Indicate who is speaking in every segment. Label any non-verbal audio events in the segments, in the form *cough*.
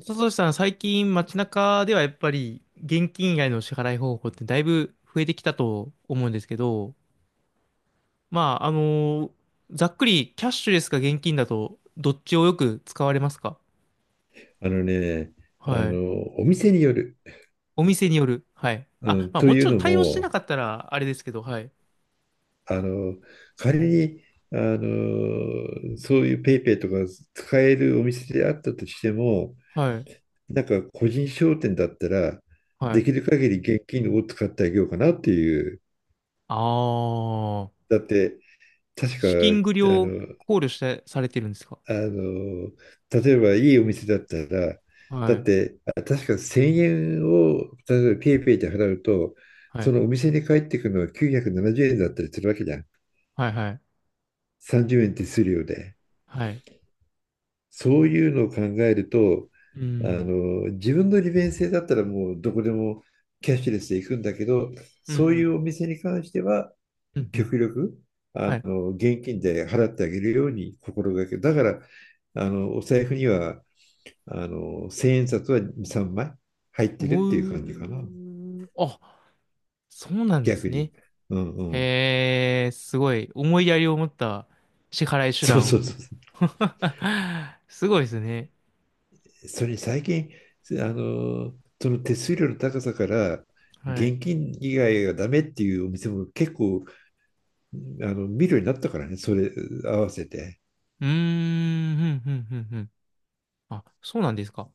Speaker 1: 佐藤さん、最近街中ではやっぱり現金以外の支払い方法ってだいぶ増えてきたと思うんですけど、まあ、ざっくりキャッシュレスか現金だとどっちをよく使われますか？
Speaker 2: あのね、
Speaker 1: はい。
Speaker 2: お店による。
Speaker 1: お店による。はい。
Speaker 2: う
Speaker 1: あ、
Speaker 2: ん、
Speaker 1: まあ
Speaker 2: と
Speaker 1: も
Speaker 2: い
Speaker 1: ち
Speaker 2: う
Speaker 1: ろん
Speaker 2: の
Speaker 1: 対応してな
Speaker 2: も、
Speaker 1: かったらあれですけど、はい。
Speaker 2: あの、仮に、そういうペイペイとか使えるお店であったとしても、
Speaker 1: はい。
Speaker 2: なんか個人商店だったら、
Speaker 1: は
Speaker 2: で
Speaker 1: い。
Speaker 2: きる限り現金を使ってあげようかなっていう。
Speaker 1: ああ、
Speaker 2: だって、確か、
Speaker 1: 資金繰り
Speaker 2: あ
Speaker 1: を
Speaker 2: の、
Speaker 1: 考慮して、されてるんですか？
Speaker 2: あの、例えばいいお店だったら、だ
Speaker 1: は
Speaker 2: っ
Speaker 1: い。
Speaker 2: て、確か1000円を、例えばペイペイで払うと、
Speaker 1: は
Speaker 2: そ
Speaker 1: い。
Speaker 2: のお店に帰ってくるのは970円だったりするわけじゃん。
Speaker 1: はい。はい。
Speaker 2: 30円手数料で。
Speaker 1: はい。
Speaker 2: そういうのを考えると、
Speaker 1: うん。
Speaker 2: 自分の利便性だったらもうどこでもキャッシュレスで行くんだけど、
Speaker 1: う
Speaker 2: そうい
Speaker 1: ん。
Speaker 2: うお店に関しては、
Speaker 1: うん。うん。
Speaker 2: 極力、
Speaker 1: はい。
Speaker 2: 現金で払ってあげるように心がける、だから、お財布には、千円札は2、3枚入ってるっていう感じか
Speaker 1: お
Speaker 2: な。
Speaker 1: う、あ、そうなんで
Speaker 2: 逆
Speaker 1: す
Speaker 2: に。
Speaker 1: ね。
Speaker 2: うんうん。
Speaker 1: すごい、思いやりを持った支払い手
Speaker 2: そうそ
Speaker 1: 段
Speaker 2: う
Speaker 1: を。
Speaker 2: そう。
Speaker 1: *laughs* すごいですね。
Speaker 2: それに最近、あの、その手数料の高さから、
Speaker 1: はい。う
Speaker 2: 現金以外がダメっていうお店も結構、見るようになったからね、それ合わせて。
Speaker 1: ーん、ふんふんふんふん。あ、そうなんですか。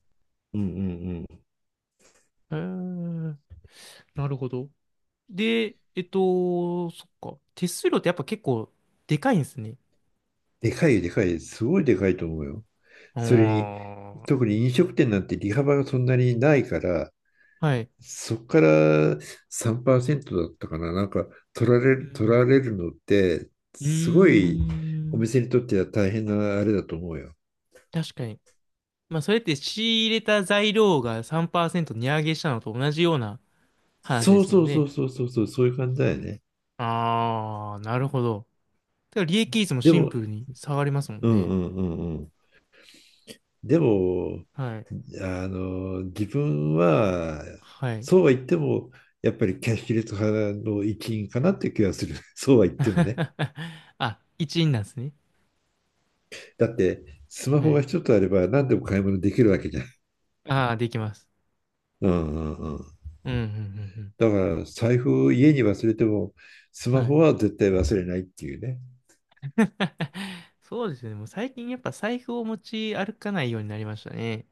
Speaker 2: うんうんうん。
Speaker 1: えーなるほど。で、そっか。手数料ってやっぱ結構でかいんですね。
Speaker 2: でかいよ、でかい。すごいでかいと思うよ。それに、
Speaker 1: あ
Speaker 2: 特に飲食店なんて利幅がそんなにないから、
Speaker 1: あ、はい。
Speaker 2: そこから3%だったかな、なんか取られ
Speaker 1: う
Speaker 2: る、取ら
Speaker 1: ん。
Speaker 2: れるのって、
Speaker 1: うー
Speaker 2: すごいお
Speaker 1: ん、
Speaker 2: 店にとっては大変なあれだと思うよ。
Speaker 1: 確かに。まあ、それって仕入れた材料が3%値上げしたのと同じような話で
Speaker 2: そう
Speaker 1: すも
Speaker 2: そ
Speaker 1: ん
Speaker 2: うそ
Speaker 1: ね。
Speaker 2: うそうそうそう、そういう感じだよね。
Speaker 1: あー、なるほど。だから利益率も
Speaker 2: で
Speaker 1: シン
Speaker 2: も、
Speaker 1: プルに下がりますも
Speaker 2: う
Speaker 1: ん
Speaker 2: ん
Speaker 1: ね。
Speaker 2: うんうんうん。でも、
Speaker 1: はい。
Speaker 2: 自分は、
Speaker 1: はい。
Speaker 2: そうは言っても、やっぱりキャッシュレス派の一員かなって気がする。*laughs* そうは言ってもね。
Speaker 1: *laughs* あ、一員なんですね。
Speaker 2: だって、スマ
Speaker 1: は
Speaker 2: ホが
Speaker 1: い。
Speaker 2: 一つあれば何でも買い物できるわけじゃん。
Speaker 1: あー、できます。
Speaker 2: うんうんうん。
Speaker 1: うん、うん、うん
Speaker 2: だから、財布を家に忘れても、ス
Speaker 1: うん。
Speaker 2: マ
Speaker 1: は
Speaker 2: ホ
Speaker 1: い。
Speaker 2: は絶対忘れないっていうね。
Speaker 1: *laughs* そうですね。もう最近やっぱ財布を持ち歩かないようになりましたね。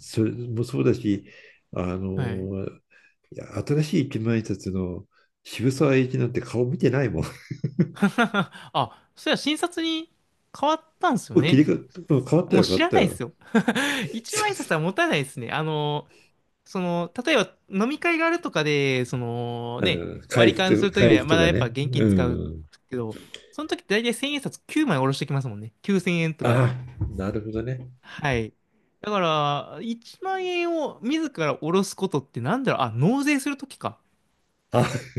Speaker 2: それもそうだし、あ
Speaker 1: はい。
Speaker 2: の、いや、新しい一万円札の渋沢栄一なんて顔見てないもん。*laughs*
Speaker 1: *laughs* あ、そりゃ診察に変わったんですよ
Speaker 2: もう切り
Speaker 1: ね。
Speaker 2: 替わ変わった
Speaker 1: もう
Speaker 2: よ、変
Speaker 1: 知
Speaker 2: わっ
Speaker 1: ら
Speaker 2: た
Speaker 1: ないです
Speaker 2: よ。
Speaker 1: よ。*laughs* 一
Speaker 2: *laughs*
Speaker 1: 枚札は持たないですね。例えば飲み会があるとかで、
Speaker 2: 会
Speaker 1: 割り
Speaker 2: 費
Speaker 1: 勘す
Speaker 2: と、
Speaker 1: るとき
Speaker 2: 会
Speaker 1: には
Speaker 2: 費
Speaker 1: ま
Speaker 2: と
Speaker 1: だ
Speaker 2: か
Speaker 1: やっぱ
Speaker 2: ね。
Speaker 1: 現金
Speaker 2: う
Speaker 1: 使う
Speaker 2: ん。
Speaker 1: けど、その時って大体1000円札9枚下ろしてきますもんね。9000円とか。
Speaker 2: ああ、なるほどね。
Speaker 1: はい。だから、1万円を自ら下ろすことってなんだろう、あ、納税するときか。
Speaker 2: あ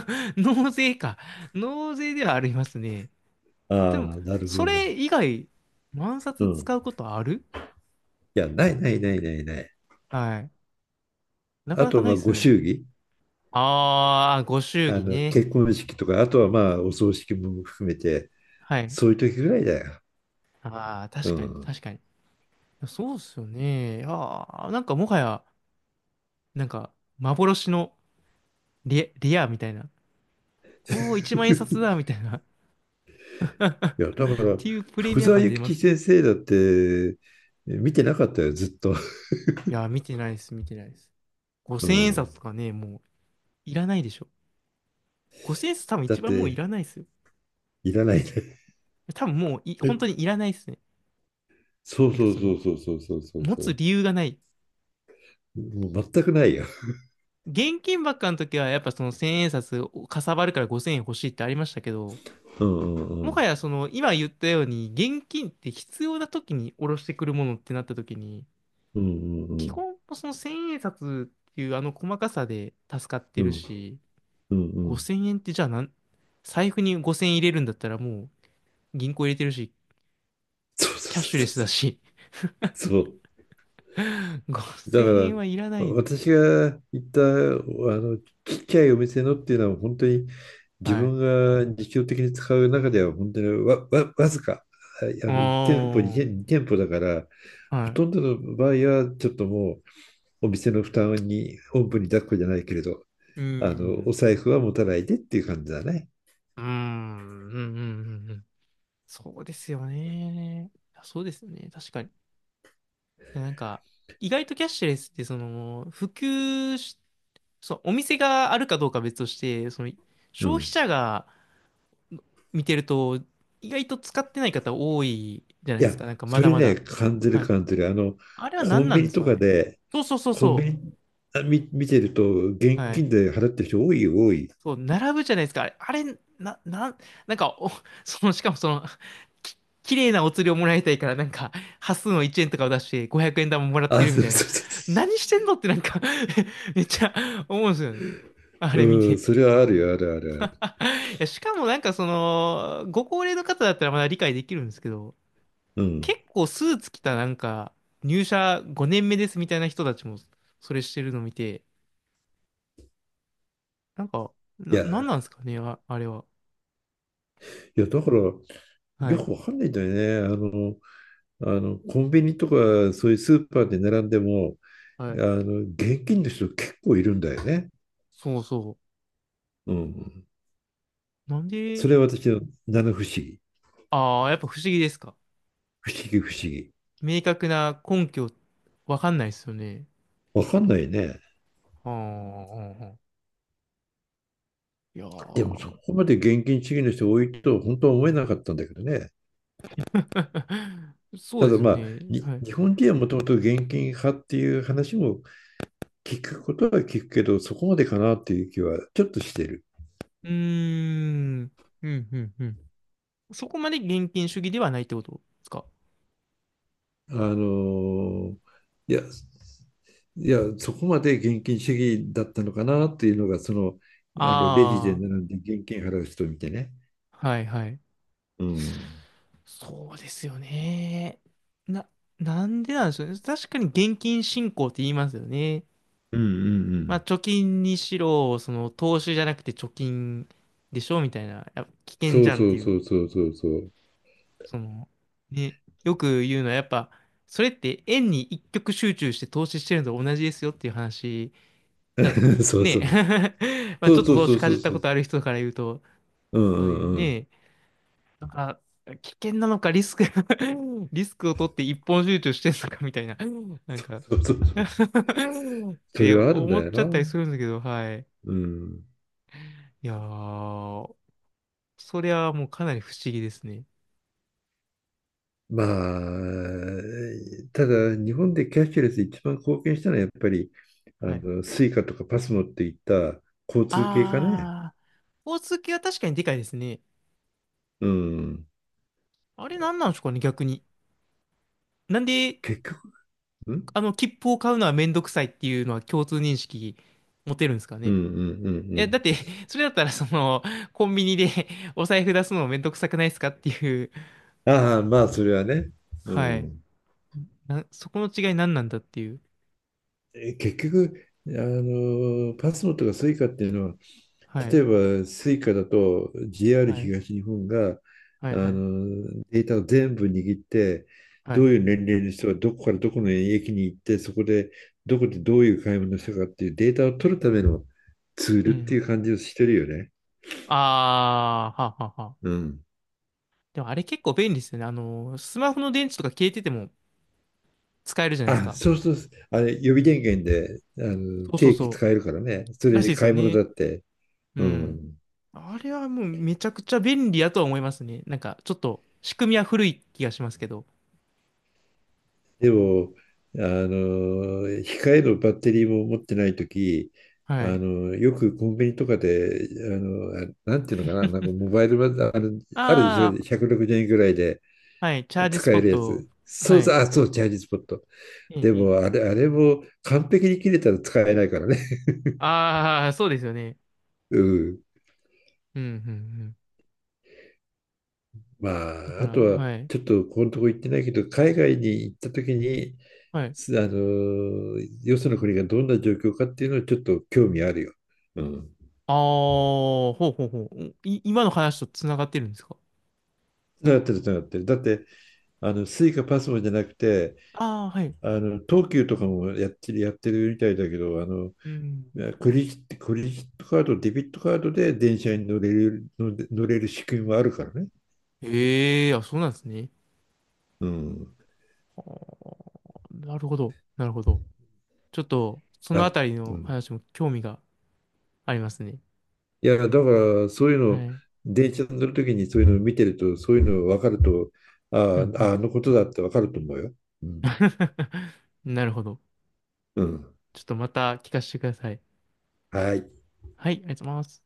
Speaker 1: *laughs* 納税か。納税ではありますね。でも、
Speaker 2: あ、なるほ
Speaker 1: そ
Speaker 2: どね。
Speaker 1: れ以外、万
Speaker 2: う
Speaker 1: 札
Speaker 2: ん。い
Speaker 1: 使うことある？
Speaker 2: や、ないないないないない。
Speaker 1: はい。なか
Speaker 2: あ
Speaker 1: なか
Speaker 2: と、
Speaker 1: な
Speaker 2: ま
Speaker 1: い
Speaker 2: あ、
Speaker 1: です
Speaker 2: ご
Speaker 1: よね。
Speaker 2: 祝儀。
Speaker 1: ああ、ご祝儀ね。
Speaker 2: 結婚式とか、あとはまあ、お葬式も含めて、
Speaker 1: はい。
Speaker 2: そういう時ぐらいだよ。
Speaker 1: ああ、
Speaker 2: う
Speaker 1: 確かに、
Speaker 2: ん。
Speaker 1: 確かに。そうっすよね。ああ、なんかもはや、なんか、幻のレアみたいな。おお、一万円札だ
Speaker 2: *laughs*
Speaker 1: みたいな。*laughs* っ
Speaker 2: いや、だから、
Speaker 1: ていうプレ
Speaker 2: 福
Speaker 1: ミア
Speaker 2: 沢
Speaker 1: 感出
Speaker 2: 諭
Speaker 1: ま
Speaker 2: 吉
Speaker 1: すね。
Speaker 2: 先生だって、見てなかったよ、ずっと。
Speaker 1: いやー、見てないです、見てないです。
Speaker 2: う
Speaker 1: 5000円札
Speaker 2: ん。
Speaker 1: とかね、もういらないでしょ。5000円札多分
Speaker 2: だっ
Speaker 1: 一番もういら
Speaker 2: て、
Speaker 1: ないですよ。
Speaker 2: いらないね。
Speaker 1: 多分もうい、本当に
Speaker 2: *laughs*
Speaker 1: いらないですね。
Speaker 2: そう
Speaker 1: なんか
Speaker 2: そうそうそうそうそうそう
Speaker 1: 持つ
Speaker 2: そ
Speaker 1: 理由がない。
Speaker 2: う。もう全くないよ。
Speaker 1: 現金ばっかの時は、やっぱその1000円札をかさばるから5000円欲しいってありましたけど、
Speaker 2: うんうんう
Speaker 1: もは
Speaker 2: ん。
Speaker 1: やその今言ったように現金って必要な時に下ろしてくるものってなった時に
Speaker 2: うんうん
Speaker 1: 基
Speaker 2: うん。
Speaker 1: 本その千円札っていうあの細かさで助かって
Speaker 2: う
Speaker 1: る
Speaker 2: ん
Speaker 1: し、
Speaker 2: うんうん。
Speaker 1: 5000円ってじゃあ財布に5000円入れるんだったらもう銀行入れてるし
Speaker 2: そうそ
Speaker 1: キャッ
Speaker 2: う
Speaker 1: シュレ
Speaker 2: そう
Speaker 1: ス
Speaker 2: そ
Speaker 1: だ
Speaker 2: う。
Speaker 1: し
Speaker 2: そう。そう
Speaker 1: *laughs*
Speaker 2: だか
Speaker 1: 5000
Speaker 2: ら、
Speaker 1: 円はいらない。
Speaker 2: 私が行ったあのちっちゃいお店のっていうのは本当に自
Speaker 1: はい。
Speaker 2: 分が日常的に使う中では本当にわずか1店舗
Speaker 1: あ
Speaker 2: 2店、に店舗だから
Speaker 1: あ、は
Speaker 2: ほとん
Speaker 1: い。
Speaker 2: どの場合はちょっともうお店の負担におんぶに抱っこじゃないけれど
Speaker 1: うん。
Speaker 2: お財布は持たないでっていう感じだね。
Speaker 1: うん。うんうんうんうん。そうですよね。いやそうですよね。確かに。いやなんか、意外とキャッシュレスって普及し、そう、お店があるかどうかは別として、
Speaker 2: う
Speaker 1: 消費
Speaker 2: ん。
Speaker 1: 者が見てると、意外と使ってない方多いじゃない
Speaker 2: い
Speaker 1: で
Speaker 2: や、
Speaker 1: すか。なんかま
Speaker 2: そ
Speaker 1: だ
Speaker 2: れ
Speaker 1: ま
Speaker 2: ね、
Speaker 1: だ。
Speaker 2: 感じる
Speaker 1: はい。
Speaker 2: 感じる。
Speaker 1: あれは
Speaker 2: コ
Speaker 1: 何
Speaker 2: ン
Speaker 1: なん
Speaker 2: ビ
Speaker 1: で
Speaker 2: ニ
Speaker 1: す
Speaker 2: と
Speaker 1: か
Speaker 2: か
Speaker 1: ね。
Speaker 2: で、
Speaker 1: そうそうそう
Speaker 2: コンビ
Speaker 1: そ
Speaker 2: ニあ見、見てると、
Speaker 1: う。
Speaker 2: 現
Speaker 1: はい。
Speaker 2: 金で払ってる人多いよ、多い。
Speaker 1: そう、並ぶじゃないですか。あれ、あれな、なん、なんか、*laughs* しかもき、綺麗なお釣りをもらいたいから、なんか、端数の1円とかを出して、500円玉もらって
Speaker 2: あ、
Speaker 1: る
Speaker 2: そ
Speaker 1: み
Speaker 2: う
Speaker 1: たい
Speaker 2: そ
Speaker 1: な。
Speaker 2: うそ
Speaker 1: 何してんのってなんか *laughs* めっちゃ思うんですよね。あ
Speaker 2: う。
Speaker 1: れ見
Speaker 2: うん、
Speaker 1: て。
Speaker 2: それはあるよ、あるある
Speaker 1: *laughs* いや、しかもなんかご高齢の方だったらまだ理解できるんですけど、
Speaker 2: ある。うん。
Speaker 1: 結構スーツ着たなんか、入社5年目ですみたいな人たちも、それしてるの見て、なんか、
Speaker 2: いや、い
Speaker 1: なんなんですかね、あ、あれは。
Speaker 2: や、だから、よ
Speaker 1: はい。
Speaker 2: くわかんないんだよね。コンビニとか、そういうスーパーで並んでも、
Speaker 1: はい。
Speaker 2: 現金の人結構いるんだよね。
Speaker 1: そうそう。
Speaker 2: うん。
Speaker 1: なんで、
Speaker 2: それは私の七不思議。
Speaker 1: ああ、やっぱ不思議ですか。
Speaker 2: 不思議不思議。
Speaker 1: 明確な根拠、わかんないですよね。
Speaker 2: わかんないね。
Speaker 1: ああ、うんうん、いやー
Speaker 2: でもそこまで現金主義の人多いと本当は思えなかったんだけどね。
Speaker 1: *laughs* そう
Speaker 2: た
Speaker 1: で
Speaker 2: だ
Speaker 1: すよ
Speaker 2: まあ、
Speaker 1: ね。はい。う
Speaker 2: 日本人はもともと現金派っていう話も聞くことは聞くけど、そこまでかなっていう気はちょっとしてる。
Speaker 1: ーん。うん、うん、うん。そこまで現金主義ではないってことですか。
Speaker 2: あのーいや、いや、そこまで現金主義だったのかなっていうのが、あのレジで
Speaker 1: あ
Speaker 2: 並んで現金払う人を見てね。
Speaker 1: あ、はい、はい。
Speaker 2: うん。
Speaker 1: そうですよね。な、なんでなんでしょうね。確かに現金信仰って言いますよね。
Speaker 2: うんうんう
Speaker 1: まあ、
Speaker 2: ん。
Speaker 1: 貯金にしろ、投資じゃなくて貯金でしょみたいな、やっぱ危険
Speaker 2: そ
Speaker 1: じ
Speaker 2: う
Speaker 1: ゃんっ
Speaker 2: そ
Speaker 1: て
Speaker 2: う
Speaker 1: いう、
Speaker 2: そうそうそうそう。
Speaker 1: その、ね、よく言うのはやっぱ、それって円に一極集中して投資してるのと同じですよっていう話だと、
Speaker 2: *laughs* そうそ
Speaker 1: ね、
Speaker 2: う。
Speaker 1: *laughs* まあ
Speaker 2: そ
Speaker 1: ちょ
Speaker 2: う
Speaker 1: っと
Speaker 2: そう
Speaker 1: 投
Speaker 2: そ
Speaker 1: 資
Speaker 2: う
Speaker 1: か
Speaker 2: そ
Speaker 1: じ
Speaker 2: う
Speaker 1: った
Speaker 2: そ
Speaker 1: こ
Speaker 2: う。
Speaker 1: とある人から言うと、
Speaker 2: うん
Speaker 1: そういう
Speaker 2: うんうん。
Speaker 1: ね、なんか危険なのかリスク *laughs* リスクを取って一本集中してるのかみたいな、なんか *laughs* っ
Speaker 2: そうそうそうそ
Speaker 1: て
Speaker 2: れはあるん
Speaker 1: 思
Speaker 2: だ
Speaker 1: っ
Speaker 2: よ
Speaker 1: ちゃったり
Speaker 2: な。
Speaker 1: するんだけど、はい。
Speaker 2: うん。
Speaker 1: いやー、それはもうかなり不思議ですね。
Speaker 2: まあ、ただ日本でキャッシュレス一番貢献したのはやっぱりあ
Speaker 1: はい。
Speaker 2: のスイカとかパスモっていった交通系かね。
Speaker 1: あー、スポーツ系は確かにでかいですね。
Speaker 2: うん。
Speaker 1: あれ何なんでしょうかね、逆に。なんで、
Speaker 2: 結局、うん
Speaker 1: 切符を買うのはめんどくさいっていうのは共通認識持てるんですか
Speaker 2: うん
Speaker 1: ね。
Speaker 2: うんう
Speaker 1: いや、
Speaker 2: ん
Speaker 1: だって、*laughs* それだったら、コンビニで *laughs* お財布出すのもめんどくさくないですかっていう。
Speaker 2: うん。ああ、まあそれはね。う
Speaker 1: はい。
Speaker 2: ん。
Speaker 1: そこの違い何なんだっていう。
Speaker 2: 結局、パスモとかスイカっていうのは、
Speaker 1: は
Speaker 2: 例
Speaker 1: い。
Speaker 2: えばスイカだと
Speaker 1: は
Speaker 2: JR
Speaker 1: い。
Speaker 2: 東日本が
Speaker 1: は
Speaker 2: あ
Speaker 1: い、はい。
Speaker 2: のデータを全部握って
Speaker 1: は
Speaker 2: どう
Speaker 1: い。
Speaker 2: いう年齢の人がどこからどこの駅に行ってそこでどこでどういう買い物をしたかっていうデータを取るためのツー
Speaker 1: う
Speaker 2: ルって
Speaker 1: ん。
Speaker 2: いう感じをしてるよね。
Speaker 1: あー、はあはあはあ。
Speaker 2: うん。
Speaker 1: でもあれ結構便利ですよね。スマホの電池とか消えてても、使えるじゃないです
Speaker 2: あ、
Speaker 1: か。
Speaker 2: そうそう、あれ予備電源であの
Speaker 1: そうそう
Speaker 2: 定期
Speaker 1: そ
Speaker 2: 使えるからね。そ
Speaker 1: う。
Speaker 2: れ
Speaker 1: らし
Speaker 2: で
Speaker 1: いです
Speaker 2: 買
Speaker 1: よ
Speaker 2: い物
Speaker 1: ね。
Speaker 2: だって。
Speaker 1: う
Speaker 2: う
Speaker 1: ん。
Speaker 2: ん。
Speaker 1: あれはもうめちゃくちゃ便利やとは思いますね。なんかちょっと仕組みは古い気がしますけど。
Speaker 2: でも、控えのバッテリーも持ってないとき、
Speaker 1: はい。
Speaker 2: よくコンビニとかで、あなんていうのかな、なんかモバイルバある、あるでしょ、
Speaker 1: あ
Speaker 2: 160円ぐらいで
Speaker 1: あ、はい。チャージス
Speaker 2: 使
Speaker 1: ポ
Speaker 2: え
Speaker 1: ッ
Speaker 2: るや
Speaker 1: ト。
Speaker 2: つ。そ
Speaker 1: は
Speaker 2: うそう、
Speaker 1: い。
Speaker 2: あ、そう、チャージスポット。
Speaker 1: ええ、
Speaker 2: で
Speaker 1: ええ。
Speaker 2: も、あれも完璧に切れたら使えないからね。
Speaker 1: ああ、そうですよね。
Speaker 2: *laughs* うん。
Speaker 1: うん、うん、うん。
Speaker 2: ま
Speaker 1: だ
Speaker 2: あ、
Speaker 1: か
Speaker 2: あ
Speaker 1: ら、
Speaker 2: とは、
Speaker 1: はい。
Speaker 2: ちょっとこのとこ行ってないけど、海外に行ったときに、
Speaker 1: はい。
Speaker 2: すあの、よその国がどんな状況かっていうのはちょっと興味あるよ。うん。
Speaker 1: ああ、ほうほうほう。今の話とつながってるんですか？
Speaker 2: つながってる、つながってる。だって、スイカパスモじゃなくて、
Speaker 1: ああー、はい。
Speaker 2: 東急とかもやってるみたいだけど、
Speaker 1: うん。
Speaker 2: クレジットカード、デビットカードで電車に乗れる仕組みもあるからね。
Speaker 1: ええ、あ、そうなんですね。
Speaker 2: うん。
Speaker 1: なるほど。なるほど。ちょっと、そ
Speaker 2: だ、
Speaker 1: のあたり
Speaker 2: う
Speaker 1: の
Speaker 2: ん。
Speaker 1: 話も興味がありますね。
Speaker 2: いや、だから、そういう
Speaker 1: は
Speaker 2: の、
Speaker 1: い。
Speaker 2: 電車に乗るときにそういうのを見てると、そういうの分かると、
Speaker 1: う
Speaker 2: あ
Speaker 1: んうん。
Speaker 2: あ、あのことだって分かると思うよ。うん。
Speaker 1: *laughs* なるほど。
Speaker 2: うん。
Speaker 1: ちょっとまた聞かせてください。
Speaker 2: はい。
Speaker 1: はい、ありがとうございます。